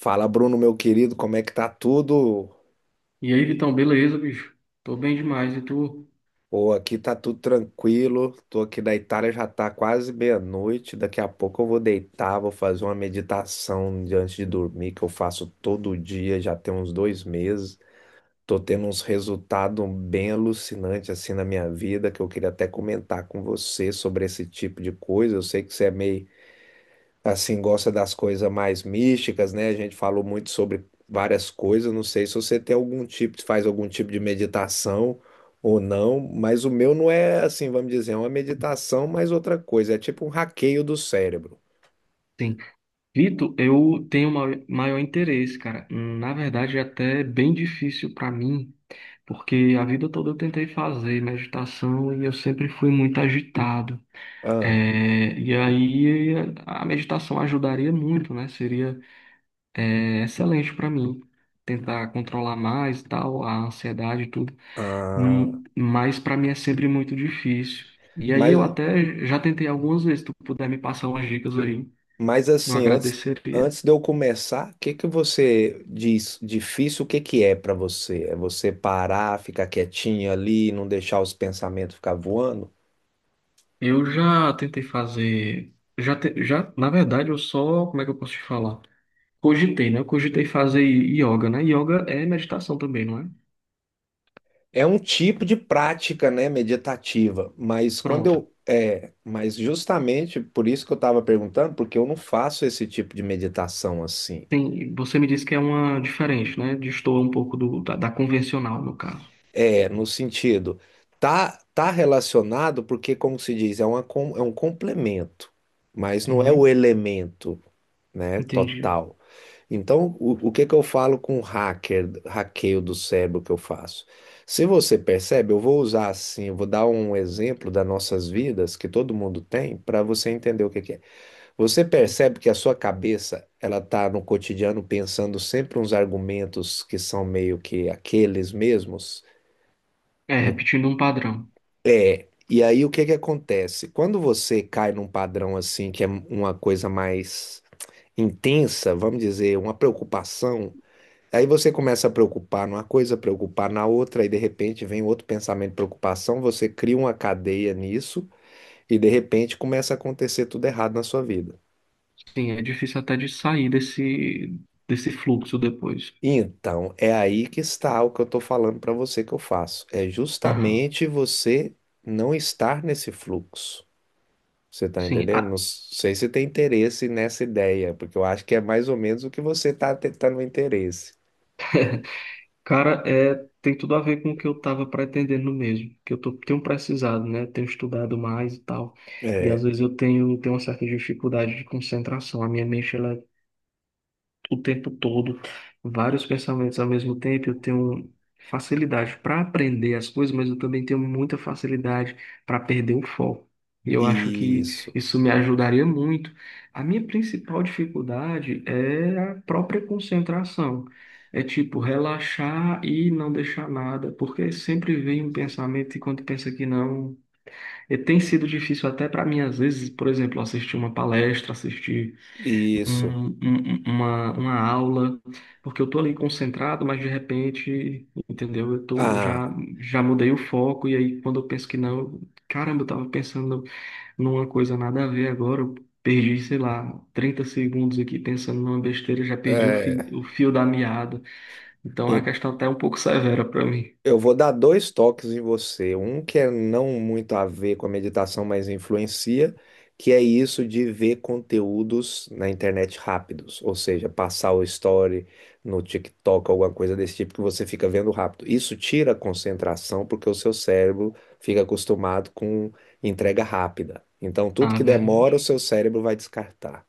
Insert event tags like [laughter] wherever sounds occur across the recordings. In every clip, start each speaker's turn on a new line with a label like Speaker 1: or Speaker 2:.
Speaker 1: Fala, Bruno, meu querido, como é que tá tudo?
Speaker 2: E aí, Vitão, beleza, bicho? Tô bem demais, e tu?
Speaker 1: Pô, aqui tá tudo tranquilo. Tô aqui na Itália, já tá quase meia-noite. Daqui a pouco eu vou deitar, vou fazer uma meditação antes de dormir, que eu faço todo dia, já tem uns 2 meses. Tô tendo uns resultados bem alucinantes assim na minha vida, que eu queria até comentar com você sobre esse tipo de coisa. Eu sei que você é meio assim, gosta das coisas mais místicas, né? A gente falou muito sobre várias coisas. Não sei se você tem algum tipo, faz algum tipo de meditação ou não, mas o meu não é assim, vamos dizer, é uma meditação, mas outra coisa. É tipo um hackeio do cérebro.
Speaker 2: Sim. Vitor, maior interesse, cara. Na verdade, é até bem difícil pra mim, porque a vida toda eu tentei fazer meditação e eu sempre fui muito agitado.
Speaker 1: Ah,
Speaker 2: E aí a meditação ajudaria muito, né? Seria, excelente pra mim tentar controlar mais, e tal, a ansiedade e tudo.
Speaker 1: ah,
Speaker 2: Mas para mim é sempre muito difícil. E aí
Speaker 1: mas,
Speaker 2: eu até já tentei algumas vezes, se tu puder me passar umas dicas aí,
Speaker 1: mas
Speaker 2: eu
Speaker 1: assim,
Speaker 2: agradeceria.
Speaker 1: antes de eu começar, o que que você diz difícil? O que que é para você? É você parar, ficar quietinho ali, não deixar os pensamentos ficar voando?
Speaker 2: Eu já tentei fazer, na verdade, eu só, como é que eu posso te falar? Cogitei, né? Eu cogitei fazer yoga, né? Yoga é meditação também, não é?
Speaker 1: É um tipo de prática, né, meditativa, mas
Speaker 2: Pronto.
Speaker 1: mas justamente por isso que eu estava perguntando, porque eu não faço esse tipo de meditação assim.
Speaker 2: Tem, você me disse que é uma diferente, né? Destoa um pouco da convencional, no caso.
Speaker 1: É, no sentido, tá relacionado porque, como se diz, é um complemento, mas não é o
Speaker 2: Uhum,
Speaker 1: elemento, né,
Speaker 2: entendi.
Speaker 1: total. Então, o que que eu falo com hacker, hackeio do cérebro que eu faço? Se você percebe, eu vou usar assim, eu vou dar um exemplo das nossas vidas que todo mundo tem para você entender o que que é. Você percebe que a sua cabeça, ela tá no cotidiano pensando sempre uns argumentos que são meio que aqueles mesmos?
Speaker 2: É,
Speaker 1: No-
Speaker 2: repetindo um padrão.
Speaker 1: E aí o que que acontece? Quando você cai num padrão assim, que é uma coisa mais intensa, vamos dizer, uma preocupação. Aí você começa a preocupar numa coisa, preocupar na outra, e de repente vem outro pensamento de preocupação, você cria uma cadeia nisso, e de repente começa a acontecer tudo errado na sua vida.
Speaker 2: Sim, é difícil até de sair desse fluxo depois.
Speaker 1: Então, é aí que está o que eu estou falando para você que eu faço. É
Speaker 2: Aham.
Speaker 1: justamente você não estar nesse fluxo. Você está
Speaker 2: Sim,
Speaker 1: entendendo?
Speaker 2: a,
Speaker 1: Não sei se tem interesse nessa ideia, porque eu acho que é mais ou menos o que você está tentando interesse.
Speaker 2: Cara, tem tudo a ver com o que eu estava pretendendo mesmo, que tenho precisado, né? Tenho estudado mais e tal. E às
Speaker 1: É,
Speaker 2: vezes tenho uma certa dificuldade de concentração. A minha mente, ela o tempo todo, vários pensamentos ao mesmo tempo. Eu tenho facilidade para aprender as coisas, mas eu também tenho muita facilidade para perder o foco. E eu acho que
Speaker 1: isso,
Speaker 2: isso me ajudaria muito. A minha principal dificuldade é a própria concentração. É tipo relaxar e não deixar nada, porque sempre vem um pensamento e quando pensa que não, e tem sido difícil até para mim às vezes, por exemplo, assistir uma palestra, assistir
Speaker 1: isso.
Speaker 2: uma aula, porque eu tô ali concentrado, mas de repente, entendeu?
Speaker 1: Ah,
Speaker 2: Já mudei o foco, e aí quando eu penso que não, caramba, eu tava pensando numa coisa nada a ver agora, eu perdi, sei lá, 30 segundos aqui pensando numa besteira, já perdi
Speaker 1: é.
Speaker 2: o fio da meada. Então a questão até é um pouco [laughs] severa para mim.
Speaker 1: Eu vou dar dois toques em você. Um que é não muito a ver com a meditação, mas influencia, que é isso de ver conteúdos na internet rápidos, ou seja, passar o story no TikTok, alguma coisa desse tipo que você fica vendo rápido. Isso tira a concentração porque o seu cérebro fica acostumado com entrega rápida. Então, tudo
Speaker 2: Ah,
Speaker 1: que demora, o
Speaker 2: verdade.
Speaker 1: seu cérebro vai descartar.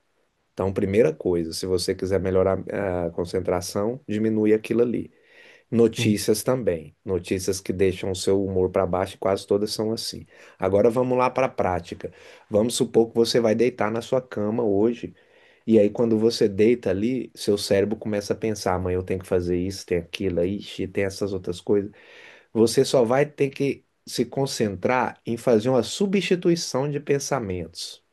Speaker 1: Então, primeira coisa, se você quiser melhorar a concentração, diminui aquilo ali.
Speaker 2: Sim.
Speaker 1: Notícias também. Notícias que deixam o seu humor para baixo, e quase todas são assim. Agora vamos lá para a prática. Vamos supor que você vai deitar na sua cama hoje, e aí quando você deita ali, seu cérebro começa a pensar: amanhã eu tenho que fazer isso, tem aquilo, ixi, tem essas outras coisas. Você só vai ter que se concentrar em fazer uma substituição de pensamentos.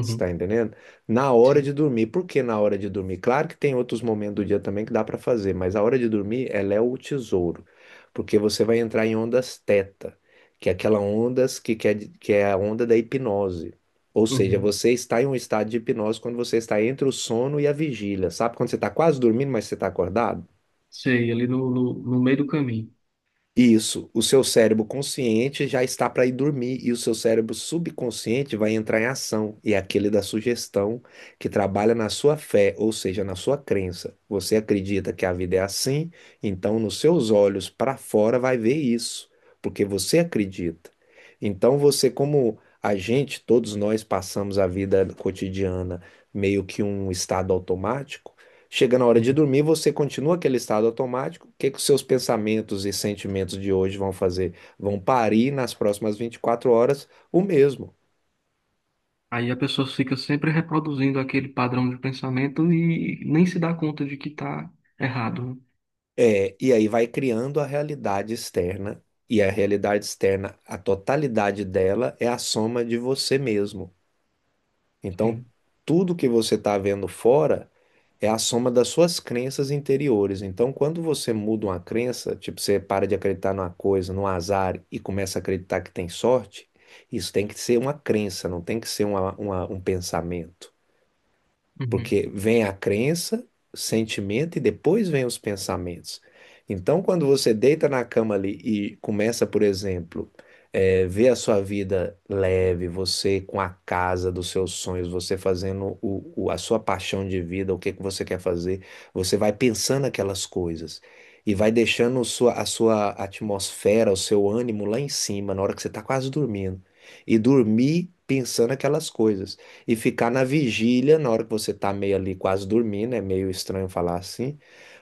Speaker 1: Você está entendendo? Na hora
Speaker 2: Sim.
Speaker 1: de dormir. Por que na hora de dormir? Claro que tem outros momentos do dia também que dá para fazer, mas a hora de dormir, ela é o tesouro, porque você vai entrar em ondas teta, que é aquela ondas que é a onda da hipnose. Ou seja,
Speaker 2: Uhum.
Speaker 1: você está em um estado de hipnose quando você está entre o sono e a vigília. Sabe quando você está quase dormindo, mas você está acordado?
Speaker 2: Sei, ali no meio do caminho.
Speaker 1: Isso, o seu cérebro consciente já está para ir dormir e o seu cérebro subconsciente vai entrar em ação, e é aquele da sugestão que trabalha na sua fé, ou seja, na sua crença. Você acredita que a vida é assim, então nos seus olhos para fora vai ver isso, porque você acredita. Então você, como a gente, todos nós passamos a vida cotidiana meio que um estado automático. Chega na hora de dormir, você continua aquele estado automático. O que que os seus pensamentos e sentimentos de hoje vão fazer? Vão parir nas próximas 24 horas o mesmo.
Speaker 2: Aí a pessoa fica sempre reproduzindo aquele padrão de pensamento e nem se dá conta de que está errado, né?
Speaker 1: É, e aí vai criando a realidade externa. E a realidade externa, a totalidade dela é a soma de você mesmo. Então,
Speaker 2: Sim.
Speaker 1: tudo que você está vendo fora é a soma das suas crenças interiores. Então, quando você muda uma crença, tipo, você para de acreditar numa coisa, num azar, e começa a acreditar que tem sorte, isso tem que ser uma crença, não tem que ser um pensamento.
Speaker 2: Uhum.
Speaker 1: Porque vem a crença, sentimento e depois vem os pensamentos. Então, quando você deita na cama ali e começa, por exemplo, ver a sua vida leve, você com a casa dos seus sonhos, você fazendo a sua paixão de vida, o que que você quer fazer, você vai pensando aquelas coisas e vai deixando a sua atmosfera, o seu ânimo lá em cima, na hora que você está quase dormindo. E dormir pensando aquelas coisas. E ficar na vigília, na hora que você tá meio ali quase dormindo, é meio estranho falar assim,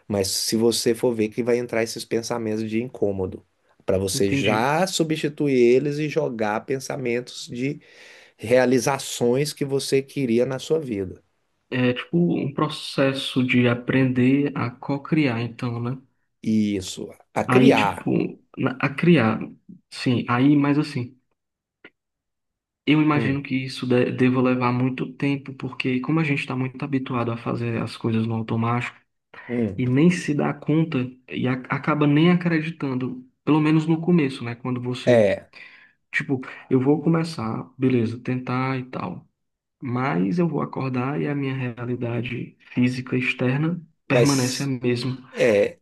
Speaker 1: mas se você for ver que vai entrar esses pensamentos de incômodo, para você
Speaker 2: Entendi.
Speaker 1: já substituir eles e jogar pensamentos de realizações que você queria na sua vida.
Speaker 2: É tipo um processo de aprender a co-criar, então, né?
Speaker 1: Isso, a
Speaker 2: Aí, tipo,
Speaker 1: criar.
Speaker 2: a criar, sim. Aí, mas assim, eu
Speaker 1: Hum,
Speaker 2: imagino que isso deva levar muito tempo, porque como a gente está muito habituado a fazer as coisas no automático
Speaker 1: hum.
Speaker 2: e nem se dá conta e acaba nem acreditando, pelo menos no começo, né? Quando você...
Speaker 1: É,
Speaker 2: Tipo, eu vou começar, beleza, tentar e tal. Mas eu vou acordar e a minha realidade física externa permanece a
Speaker 1: mas
Speaker 2: mesma.
Speaker 1: é,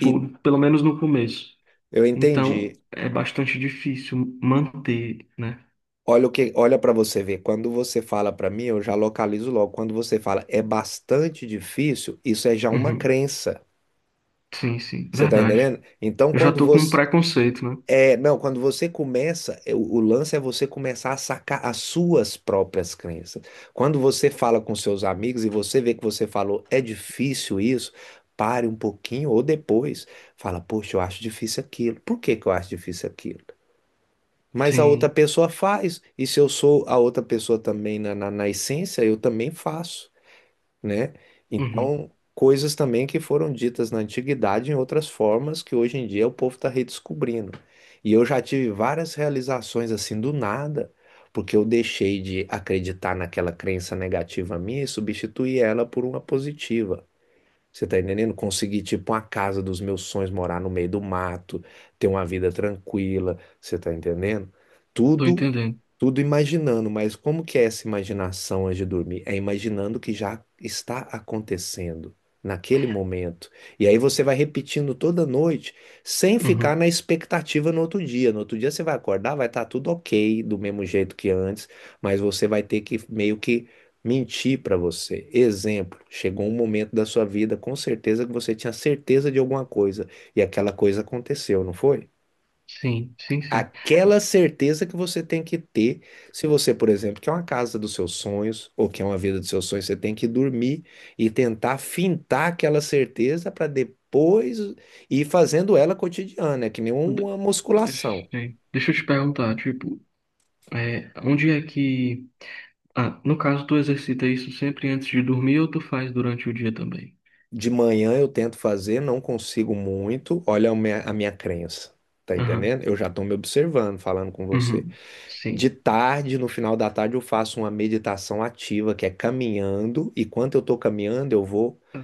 Speaker 1: e
Speaker 2: pelo menos no começo.
Speaker 1: eu entendi.
Speaker 2: Então, é bastante difícil manter, né?
Speaker 1: Olha o que, olha para você ver. Quando você fala para mim, eu já localizo logo. Quando você fala é bastante difícil, isso é já uma
Speaker 2: Uhum.
Speaker 1: crença.
Speaker 2: Sim,
Speaker 1: Você tá
Speaker 2: verdade.
Speaker 1: entendendo? Então,
Speaker 2: Eu já
Speaker 1: quando
Speaker 2: tô com um
Speaker 1: você
Speaker 2: preconceito, né?
Speaker 1: é, não, quando você começa, é, o lance é você começar a sacar as suas próprias crenças. Quando você fala com seus amigos e você vê que você falou é difícil isso, pare um pouquinho ou depois fala, poxa, eu acho difícil aquilo. Por que que eu acho difícil aquilo? Mas a outra
Speaker 2: Sim.
Speaker 1: pessoa faz. E se eu sou a outra pessoa também na essência, eu também faço, né?
Speaker 2: Uhum.
Speaker 1: Então, coisas também que foram ditas na antiguidade em outras formas que hoje em dia o povo está redescobrindo. E eu já tive várias realizações assim do nada, porque eu deixei de acreditar naquela crença negativa minha e substituí ela por uma positiva. Você tá entendendo? Conseguir, tipo, uma casa dos meus sonhos, morar no meio do mato, ter uma vida tranquila, você tá entendendo?
Speaker 2: Tô
Speaker 1: Tudo
Speaker 2: entendendo.
Speaker 1: Tudo imaginando, mas como que é essa imaginação antes de dormir? É imaginando o que já está acontecendo naquele momento. E aí você vai repetindo toda noite, sem ficar
Speaker 2: Uhum.
Speaker 1: na expectativa no outro dia. No outro dia você vai acordar, vai estar tudo ok, do mesmo jeito que antes, mas você vai ter que meio que mentir para você. Exemplo, chegou um momento da sua vida, com certeza que você tinha certeza de alguma coisa, e aquela coisa aconteceu, não foi?
Speaker 2: Sim, sim.
Speaker 1: Aquela certeza que você tem que ter, se você, por exemplo, quer uma casa dos seus sonhos ou quer uma vida dos seus sonhos, você tem que dormir e tentar fintar aquela certeza para depois ir fazendo ela cotidiana, é que nem
Speaker 2: De-
Speaker 1: uma
Speaker 2: eh,
Speaker 1: musculação.
Speaker 2: sei. Deixa eu te perguntar, tipo, é, onde é que... Ah, no caso, tu exercita isso sempre antes de dormir ou tu faz durante o dia também?
Speaker 1: De manhã eu tento fazer, não consigo muito, olha a minha crença. Tá
Speaker 2: Aham,
Speaker 1: entendendo? Eu já estou me observando, falando com você.
Speaker 2: uhum,
Speaker 1: De
Speaker 2: sim.
Speaker 1: tarde, no final da tarde, eu faço uma meditação ativa, que é caminhando, e quando eu estou caminhando, eu vou
Speaker 2: Tá.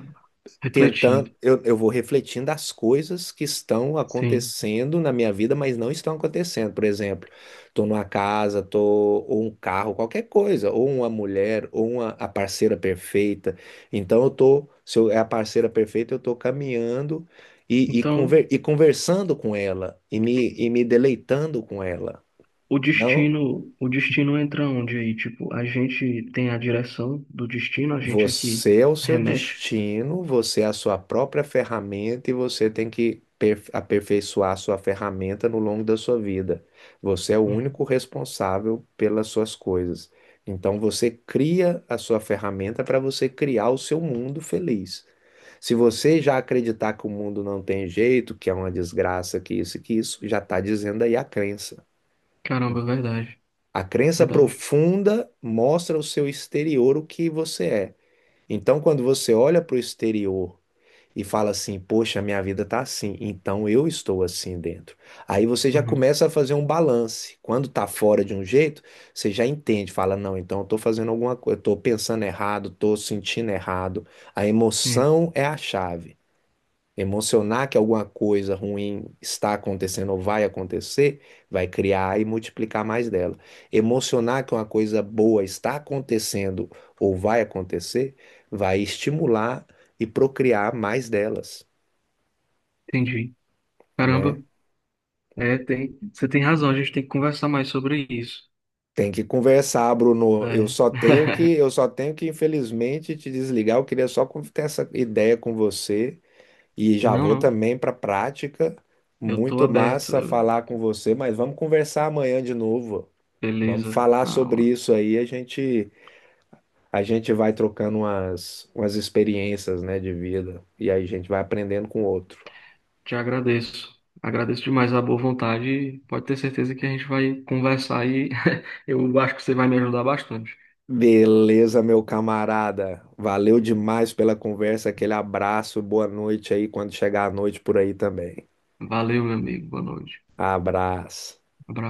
Speaker 1: tentando,
Speaker 2: Refletindo,
Speaker 1: eu vou refletindo as coisas que estão
Speaker 2: sim.
Speaker 1: acontecendo na minha vida, mas não estão acontecendo. Por exemplo, estou numa casa, tô, ou um carro, qualquer coisa, ou uma mulher, ou uma, a parceira perfeita. Então eu tô, se eu, é a parceira perfeita, eu tô caminhando e, e,
Speaker 2: Então,
Speaker 1: conver, e conversando com ela, e me deleitando com ela. Não,
Speaker 2: o destino entra onde aí? Tipo, a gente tem a direção do destino, a gente aqui
Speaker 1: você é o seu
Speaker 2: remete.
Speaker 1: destino, você é a sua própria ferramenta e você tem que aperfeiçoar a sua ferramenta no longo da sua vida. Você é o
Speaker 2: Uhum.
Speaker 1: único responsável pelas suas coisas. Então você cria a sua ferramenta para você criar o seu mundo feliz. Se você já acreditar que o mundo não tem jeito, que é uma desgraça, que isso, e que isso, já está dizendo aí a crença.
Speaker 2: Caramba,
Speaker 1: A crença
Speaker 2: verdade.
Speaker 1: profunda mostra o seu exterior, o que você é. Então, quando você olha para o exterior e fala assim, poxa, minha vida tá assim, então eu estou assim dentro. Aí você já
Speaker 2: Uhum.
Speaker 1: começa a fazer um balance. Quando tá fora de um jeito, você já entende, fala, não, então eu tô fazendo alguma coisa, eu tô pensando errado, tô sentindo errado. A
Speaker 2: É,
Speaker 1: emoção é a chave. Emocionar que alguma coisa ruim está acontecendo ou vai acontecer, vai criar e multiplicar mais dela. Emocionar que uma coisa boa está acontecendo ou vai acontecer, vai estimular e procriar mais delas,
Speaker 2: entendi. Caramba,
Speaker 1: né?
Speaker 2: é, tem, você tem razão, a gente tem que conversar mais sobre isso.
Speaker 1: Tem que conversar, Bruno.
Speaker 2: É. [laughs]
Speaker 1: Eu só tenho que, infelizmente, te desligar. Eu queria só ter essa ideia com você e já
Speaker 2: Não,
Speaker 1: vou
Speaker 2: não,
Speaker 1: também para a prática.
Speaker 2: eu tô
Speaker 1: Muito
Speaker 2: aberto,
Speaker 1: massa falar com você, mas vamos conversar amanhã de novo. Vamos
Speaker 2: beleza,
Speaker 1: falar
Speaker 2: na
Speaker 1: sobre
Speaker 2: hora.
Speaker 1: isso aí, a gente vai trocando umas, umas experiências, né, de vida e aí a gente vai aprendendo com o outro.
Speaker 2: Te agradeço. Agradeço demais a boa vontade. E pode ter certeza que a gente vai conversar e [laughs] eu acho que você vai me ajudar bastante.
Speaker 1: Beleza, meu camarada. Valeu demais pela conversa, aquele abraço, boa noite aí quando chegar a noite por aí também.
Speaker 2: Valeu, meu amigo. Boa noite.
Speaker 1: Abraço.
Speaker 2: Abraço.